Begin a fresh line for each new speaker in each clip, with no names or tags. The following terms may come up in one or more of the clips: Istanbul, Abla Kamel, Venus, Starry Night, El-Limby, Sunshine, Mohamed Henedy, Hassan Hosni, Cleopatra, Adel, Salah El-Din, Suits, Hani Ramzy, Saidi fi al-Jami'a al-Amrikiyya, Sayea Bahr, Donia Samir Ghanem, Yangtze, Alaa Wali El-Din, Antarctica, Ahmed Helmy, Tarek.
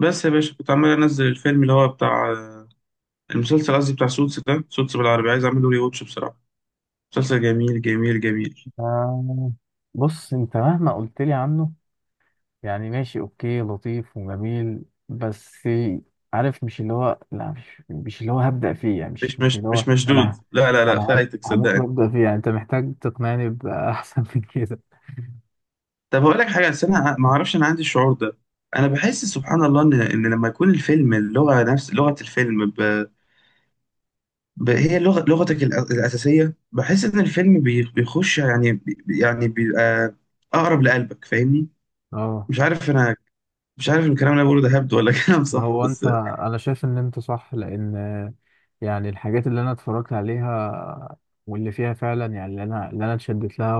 بس يا باشا، كنت عمال انزل الفيلم اللي هو بتاع المسلسل. قصدي بتاع سوتس، ده سوتس بالعربي عايز اعمله ري واتش بصراحه. مسلسل جميل جميل جميل.
آه. بص، انت مهما قلت لي عنه يعني ماشي، اوكي، لطيف وجميل، بس عارف، مش اللي هو، لا، مش اللي هو هبدأ فيه، يعني
مش
مش
مش
اللي هو
مش مشدود،
انا
لا، لا، لا،
انا
فايتك
هموت
صدقني.
وابدأ فيه، يعني انت محتاج تقنعني بأحسن من كده.
طب اقول لك حاجه، بس انا ما اعرفش، انا عندي الشعور ده. انا بحس سبحان الله ان لما يكون الفيلم اللغه نفس لغه الفيلم هي لغه لغتك الاساسيه. بحس ان الفيلم بيخش، يعني بيبقى اقرب لقلبك، فاهمني.
اه،
مش عارف انا. مش عارف إن الكلام اللي انا بقوله ده هبد ولا كلام صح
هو
بس.
انت، انا شايف ان انت صح، لان يعني الحاجات اللي انا اتفرجت عليها واللي فيها فعلا، يعني اللي انا اتشدت لها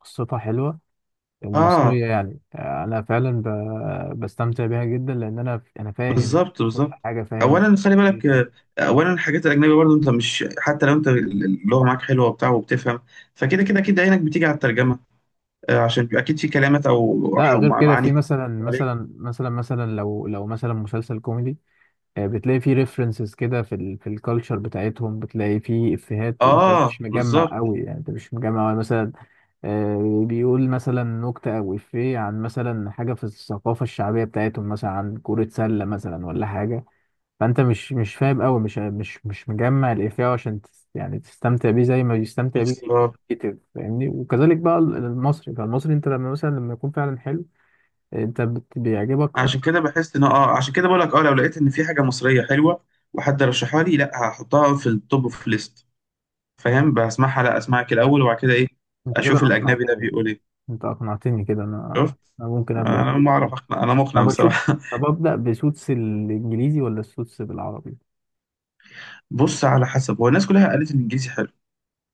وقصتها حلوة،
اه
المصرية، يعني أنا فعلا بستمتع بيها جدا، لأن أنا فاهم
بالظبط
كل
بالظبط.
حاجة، فاهم.
اولا خلي بالك، اولا الحاجات الاجنبيه برضو، انت مش حتى لو انت اللغه معاك حلوه وبتاع وبتفهم، فكده كده عينك بتيجي على الترجمه. عشان بيبقى اكيد في كلمات او
لا، غير كده،
معاني
في
كتير عليك.
مثلا لو مثلا مسلسل كوميدي، آه، بتلاقي فيه ريفرنسز كده في ال، في الكالتشر بتاعتهم، بتلاقي فيه افيهات انت
اه
مش مجمع
بالظبط
قوي، يعني انت مش مجمع مثلا. آه، بيقول مثلا نكتة او افيه عن مثلا حاجة في الثقافة الشعبية بتاعتهم، مثلا عن كرة سلة مثلا ولا حاجة. فانت مش فاهم قوي، مش مجمع الافيه عشان يعني تستمتع بيه زي ما بيستمتع بيه
بالظبط.
الكتاب، فاهمني؟ وكذلك بقى المصري، فالمصري انت لما مثلا، لما يكون فعلا حلو، انت بيعجبك
عشان
اكتر
كده بحس ان عشان كده بقول لك لو لقيت ان في حاجه مصريه حلوه وحد رشحها لي، لا، هحطها في التوب اوف ليست، فاهم. بسمعها، لا اسمعك
كده.
الاول وبعد كده ايه
انت كده
اشوف الاجنبي ده
اقنعتني.
بيقول ايه.
انت اقنعتني كده، انا،
شفت،
انا ممكن ابدا
انا
فيه.
ما اعرف اقنع، انا مقنع
طب اشوف،
بصراحه.
طب ابدا بسوتس الانجليزي ولا السوتس بالعربي؟
بص، على حسب، هو الناس كلها قالت ان الانجليزي حلو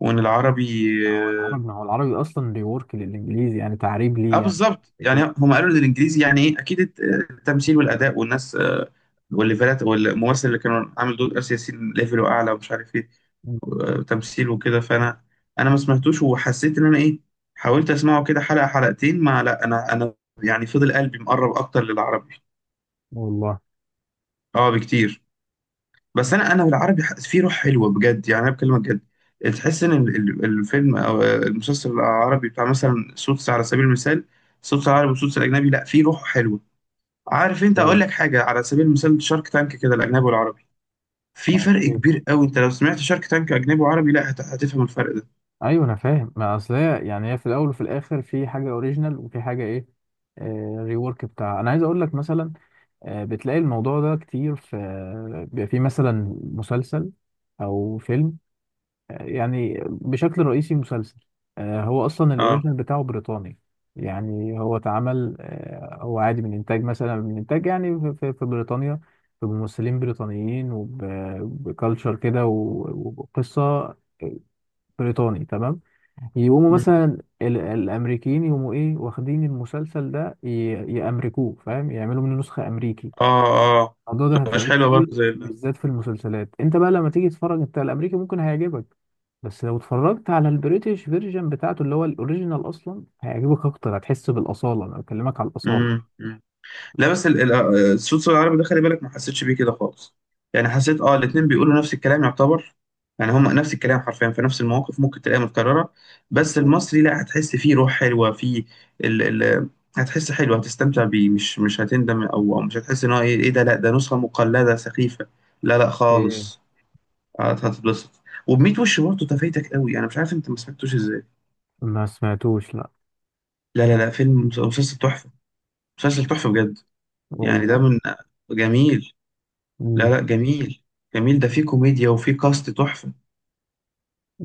وان العربي،
ما هو
اه.
العربي، ما هو العربي اصلا ريورك للانجليزي، يعني تعريب، ليه يعني؟
بالظبط، يعني
كده.
هم قالوا ان الانجليزي يعني ايه اكيد، التمثيل والاداء والناس، والليفلات والممثل اللي كانوا عامل دور اسيا ياسين ليفله اعلى، ومش عارف ايه،
مم.
تمثيل وكده. فانا انا ما سمعتوش، وحسيت ان انا ايه، حاولت اسمعه كده حلقه حلقتين، ما، لا، انا يعني فضل قلبي مقرب اكتر للعربي،
والله.
اه بكتير. بس انا بالعربي في روح حلوه بجد، يعني انا بكلمك جد. تحس ان الفيلم او المسلسل العربي بتاع مثلا سوتس، على سبيل المثال سوتس العربي وسوتس الاجنبي، لا، في روح حلوه. عارف، انت
اوكي.
اقول لك حاجه على سبيل المثال، شارك تانك كده الاجنبي والعربي، في فرق
اوكي.
كبير قوي. انت لو سمعت شارك تانك اجنبي وعربي، لا، هتفهم الفرق ده.
ايوه، انا فاهم، ما اصل هي يعني هي في الاول وفي الاخر في حاجه اوريجينال وفي حاجه ايه، ريورك بتاع. انا عايز اقول لك مثلا آه، بتلاقي الموضوع ده كتير في، بيبقى في مثلا مسلسل او فيلم، آه، يعني بشكل رئيسي مسلسل. آه، هو اصلا
اه.
الاوريجينال بتاعه بريطاني، يعني هو اتعمل آه، هو عادي من انتاج مثلا، من انتاج يعني في في بريطانيا، بممثلين بريطانيين، وبكالتشر كده وقصه بريطاني، تمام. يقوموا
مم.
مثلا الامريكيين يقوموا ايه، واخدين المسلسل ده، يامركوه، فاهم؟ يعملوا منه نسخه امريكي.
اه اه
الموضوع ده
مش
هتلاقيه
حلوه
كتير،
برضه.
بالذات في المسلسلات. انت بقى لما تيجي تتفرج، انت الامريكي ممكن هيعجبك، بس لو اتفرجت على البريتش فيرجن بتاعته اللي هو الاوريجينال اصلا هيعجبك اكتر، هتحس بالاصاله، انا بكلمك على الاصاله.
مم. مم. لا، بس الصوت، صوت العربي ده خلي بالك ما حسيتش بيه كده خالص. يعني حسيت، الاتنين بيقولوا نفس الكلام يعتبر، يعني هما نفس الكلام حرفيا، في نفس المواقف ممكن تلاقيها متكررة. بس المصري لا، هتحس فيه روح حلوة فيه ال ال هتحس حلو، هتستمتع بيه، مش هتندم او مش هتحس ان هو ايه، ده، لا ده نسخة مقلدة سخيفة، لا، لا،
اوكي.
خالص. هتتبسط، وبميت وش برضه تفايتك قوي. انا مش عارف انت ما سمعتوش ازاي.
ما سمعتوش، لا.
لا، لا، لا، مسلسل تحفة، مسلسل تحفة بجد. يعني ده
والله.
من، جميل، لا، لا، جميل جميل. ده فيه كوميديا وفيه كاست تحفة.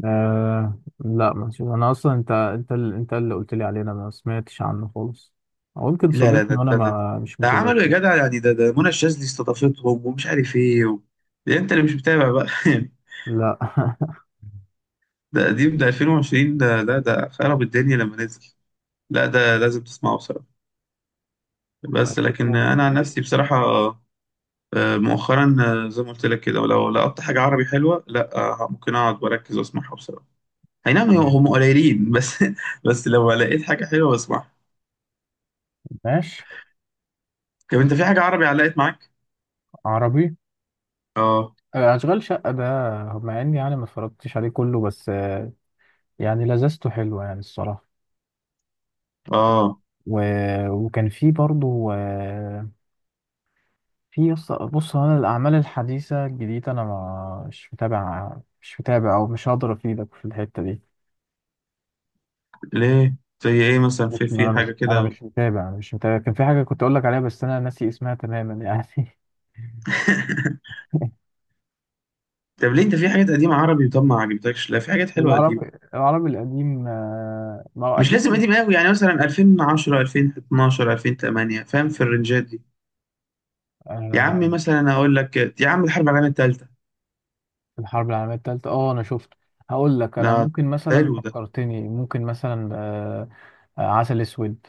آه. لا، ماشي. انا اصلا انت اللي قلت لي عليه، انا ما سمعتش عنه خالص، او يمكن
لا، لا، ده
صادفني وانا
ده ده,
ما، مش
ده عملوا يا
متذكر.
جدع، يعني ده ده منى الشاذلي استضافتهم، ومش عارف ايه. ده انت اللي مش متابع بقى
لا.
ده قديم، ده 2020، ده خرب الدنيا لما نزل. لا ده لازم تسمعه بصراحة، بس
اسمه
لكن انا عن
مشوش.
نفسي بصراحة، مؤخرا، زي ما قلت لك كده، ولو لقطت حاجة عربي حلوة، لا، ممكن اقعد واركز واسمعها بصراحة. اي نعم، هم قليلين بس بس لو لقيت حاجة حلوة بسمعها.
ماشي.
طب انت في حاجة عربي علقت معاك؟
عربي،
اه،
آه، اشغال شقه ده، مع اني يعني ما اتفرجتش عليه كله، بس آه، يعني لذته حلوه يعني، الصراحه.
اه.
و، وكان في برضو آه، في بص، هو انا الاعمال الحديثه الجديده انا مش متابع، مش متابع، او مش هقدر افيدك في الحته دي.
ليه، زي ايه مثلا، في
مش، ما
في
انا مش،
حاجه
انا
كده
مش متابع، انا مش متابع. كان في حاجه كنت اقول لك عليها بس انا ناسي اسمها تماما يعني.
طب ليه انت في حاجات قديمه عربي، طب ما عجبتكش. لا، في حاجات حلوه قديمه،
العربي، العربي القديم، آه، ما هو
مش لازم
قديم.
قديم قوي، يعني مثلا 2010، 2012، 2008، فاهم في الرنجات دي. يا عمي
آه،
مثلا اقول لك، يا عم الحرب العالميه الثالثه،
في الحرب العالميه الثالثه، اه، انا شفته. هقول لك،
ده
انا ممكن مثلا،
حلو ده.
فكرتني، ممكن مثلا آه، آه، عسل اسود،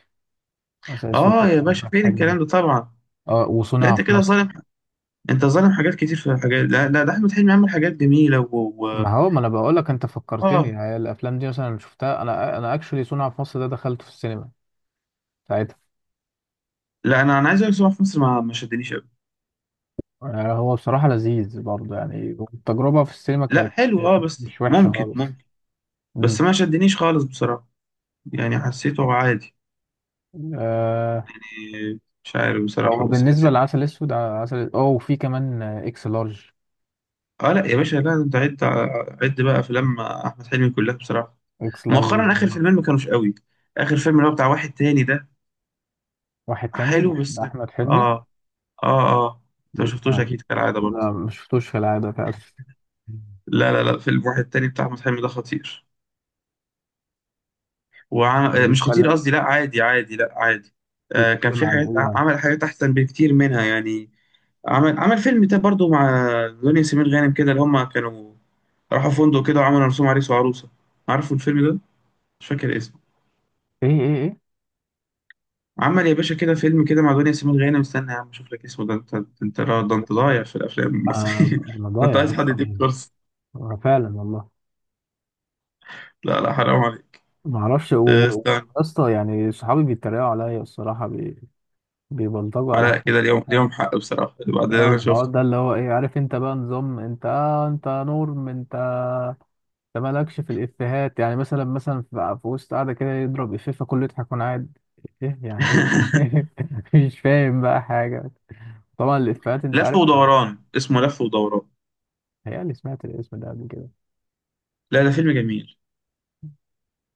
عسل اسود
اه يا
بتاع
باشا
احمد
فين
حلمي.
الكلام ده طبعا.
اه،
لا
وصنع
انت
في
كده
مصر.
ظالم، انت ظالم حاجات كتير في الحاجات، لا، لا ده احمد حلمي عمل حاجات جميله و...
ما هو ما انا بقول لك انت فكرتني،
اه،
هي الافلام دي مثلا شفتها، انا اكشولي صنع في مصر ده دخلته في السينما ساعتها.
لا، انا عايز اقول لك صراحة، في مصر ما شدنيش قوي.
آه، هو بصراحة لذيذ برضه، يعني التجربة في السينما
لا
كانت
حلو اه، بس
مش وحشة
ممكن
خالص.
ممكن،
مم.
بس ما شدنيش خالص بصراحة، يعني حسيته عادي،
آه.
إيه، مش عارف بصراحة،
هو
بس
بالنسبة
حسيت
لعسل أسود آه، عسل. اه، وفي كمان آه، إكس لارج.
اه، لا يا باشا، لا انت عد. عد بقى افلام احمد حلمي كلها بصراحة.
إكس لارج
مؤخرا اخر فيلمين ما كانوش قوي. اخر فيلم اللي هو بتاع واحد تاني ده
واحد تاني
حلو
ده، ده
بس،
أحمد حلمي.
اه، اه، اه. انت ما شفتوش
لا،
اكيد كالعادة برضه.
لا، مش شفتوش في العادة فعلا.
لا، لا، لا، فيلم واحد تاني بتاع احمد حلمي ده خطير، وعم...
هو
آه، مش خطير
بيتكلم،
قصدي، لا عادي عادي، لا عادي. كان
بيتكلم
في
عن
حاجات
إيه يعني؟
عمل حاجات احسن بكتير منها يعني. عمل فيلم ده برضو مع دنيا سمير غانم كده، اللي هما كانوا راحوا فندق كده وعملوا رسوم عريس وعروسة. عارفوا الفيلم ده؟ مش فاكر اسمه.
إيه.
عمل يا باشا كده فيلم كده مع دنيا سمير غانم، استنى يا عم اشوف لك اسمه. ده انت، انت ده انت ضايع في الافلام
آه،
المصرية
أنا
انت
ضايع
عايز حد يديك
أصلا،
كورس.
فعلا والله.
لا، لا، حرام عليك.
ما اعرفش
استنى.
ويا اسطى يعني صحابي بيتريقوا عليا الصراحه، بيبلطجوا
لا
على
كده، اليوم اليوم حق بصراحة بعد اللي
اه،
انا
الحوار
شفته.
ده اللي هو ايه، عارف انت بقى نظام انت آه، انت نور من انت، انت مالكش في الافيهات، يعني مثلا، في وسط قاعده كده، يضرب افيه فكله يضحك وانا قاعد ايه، يعني ايه؟ مش فاهم بقى حاجه. طبعا الافيهات انت
لف
عارف.
ودوران، اسمه لف ودوران.
هي، اللي سمعت الاسم ده قبل كده.
لا ده فيلم جميل.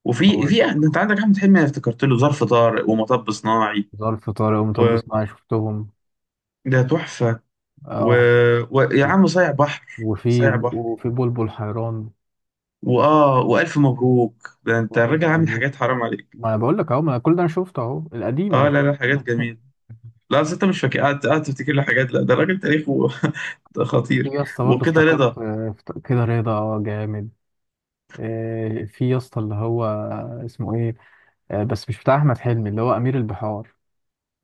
وفي
هو
في انت عندك احمد حلمي، انا افتكرت له ظرف طارق ومطب صناعي،
ظرف طارق ومطب
وده
صناعي شفتهم،
تحفة و...
اه،
ويا
و-
عم صايع بحر
وفي
صايع بحر،
وفي بلبل حيران.
واه، والف مبروك، ده انت
وألف
الراجل عامل
مبروك.
حاجات، حرام عليك.
ما انا بقول لك اهو، ما أنا كل ده انا شفته اهو، القديم انا
اه، لا،
شفته.
لا، حاجات جميله. لا أصل انت مش فاكر، قاعد قاعد تفتكر له حاجات، لا ده الراجل تاريخه
في
خطير.
يا اسطى برضه
وكده رضا،
افتكرت آه، كده رضا، اه، جامد. آه، في يا اسطى اللي هو آه، اسمه ايه، آه، بس مش بتاع احمد حلمي، اللي هو امير البحار،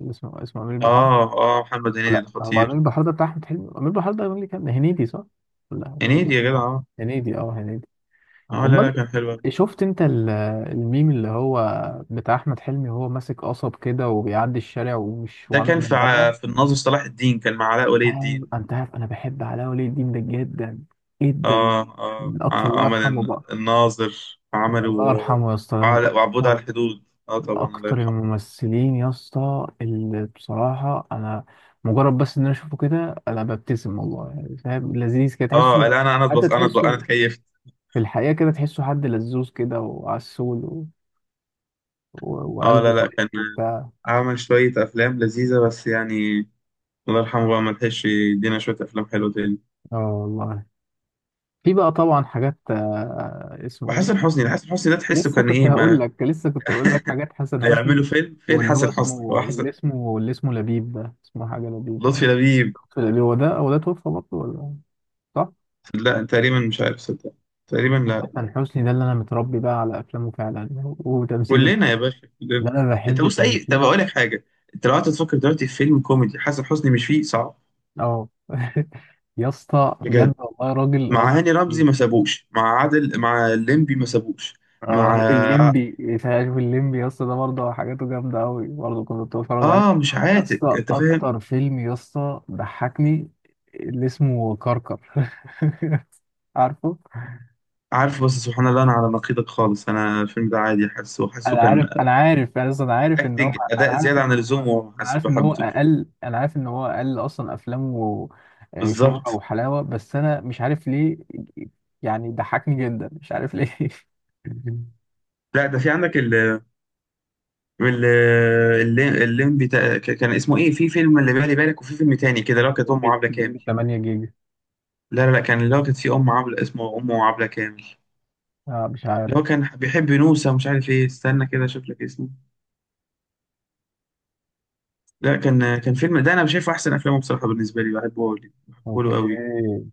اللي اسمه امير البحار.
اه. اه محمد هنيدي ده
لا، هو امير
خطير.
البحار ده بتاع احمد حلمي، امير البحار ده اللي كان هنيدي، صح؟ لا، أمير
هنيدي
البحار،
يا جدع، اه،
هنيدي، اه، هنيدي.
اه، لا، لا،
امال.
كان حلو أوي.
شفت انت الميم اللي هو بتاع احمد حلمي وهو ماسك قصب كده وبيعدي الشارع ومش،
ده
وعامل
كان في
من
ع-
بالها.
في الناظر صلاح الدين، كان مع علاء ولي
أيوة،
الدين.
انت عارف انا بحب علاء ولي الدين ده جدا، جدا.
اه، اه،
من اقصى، الله
عمل
يرحمه بقى.
الناظر،
الله
عملوا.
يرحمه يا اسطى، ده من
وعبود
اكتر،
على الحدود، اه
من
طبعا، الله
اكتر
يرحمه.
الممثلين يا اسطى اللي بصراحه انا مجرد بس ان انا اشوفه كده انا ببتسم، والله، يعني فاهم، لذيذ كده
اه،
تحسه.
لا، انا
حتى
اتبص، انا اتبص، انا
تحسه
اتكيفت.
في الحقيقه كده، تحسه حد لذوذ كده وعسول، و، و،
اه،
وقلبه
لا، لا،
طيب
كان
وبتاع.
عمل شوية أفلام لذيذة بس يعني، الله يرحمه بقى، ما لحقش يدينا شوية أفلام حلوة تاني.
اه، والله. في بقى طبعا حاجات آه، اسمه
وحسن
ايه،
حسني حسن حسني ده تحسه
لسه
كان
كنت
إيه
هقول
ما.
لك لسه كنت هقول لك حاجات حسن حسني،
هيعملوا فيلم؟ فين
واللي هو
حسن حسني؟
اسمه،
هو
اللي
حسن
اسمه اللي اسمه لبيب ده، اسمه حاجه لبيب في
لطفي لبيب؟
القديم. هو ده توفى برضه، ولا صح؟
لا تقريبا مش عارف، صدق، تقريبا
حسن
لا.
حسني ده اللي انا متربي بقى على افلامه فعلا، وتمثيله
كلنا
ده،
يا باشا كلنا.
ده انا
أنت
بحب
بص، أي، طب
تمثيله.
أقول لك حاجة. أنت لو قعدت تفكر دلوقتي في فيلم كوميدي حسن حسني مش فيه، صعب
اه. يا اسطى
بجد.
بجد والله، راجل،
مع
راجل
هاني رمزي
كتير.
ما سابوش، مع عادل، مع الليمبي ما سابوش، مع
اه، الليمبي، شايف الليمبي يا اسطى ده برضه حاجاته جامده قوي، برضه كنت بتفرج عليه.
اه مش
يا
عاتق،
اسطى،
انت فاهم.
اكتر فيلم يا اسطى ضحكني، اللي اسمه كركر. عارفه.
عارف، بس سبحان الله انا على نقيضك خالص، انا الفيلم ده عادي، حاسه
انا عارف
كان
انا عارف يعني اصلا،
اكتنج،
انا
اداء
عارف
زياده
ان
عن
هو
اللزوم، وما حاسس ما حبيتهوش.
انا عارف ان هو اقل اصلا افلامه آه، شهرة
بالظبط.
وحلاوة، بس انا مش عارف ليه، يعني ضحكني جدا، مش عارف ليه.
لا ده في عندك الليمبي، كان اسمه ايه في فيلم اللي بالي بالك، وفي فيلم تاني كده اللي هو كانت امه عبله
من
كامل.
8 جيجا.
لا، لا، لا، كان اللي هو كانت في ام عبله اسمه امه عبله كامل،
اه، مش عارف.
اللي هو كان بيحب نوسه مش عارف ايه. استنى كده اشوف لك اسمه. لا كان، فيلم ده انا شايفه احسن افلامه بصراحه بالنسبه لي، بحبه أوي. بحبه له قوي.
اوكي.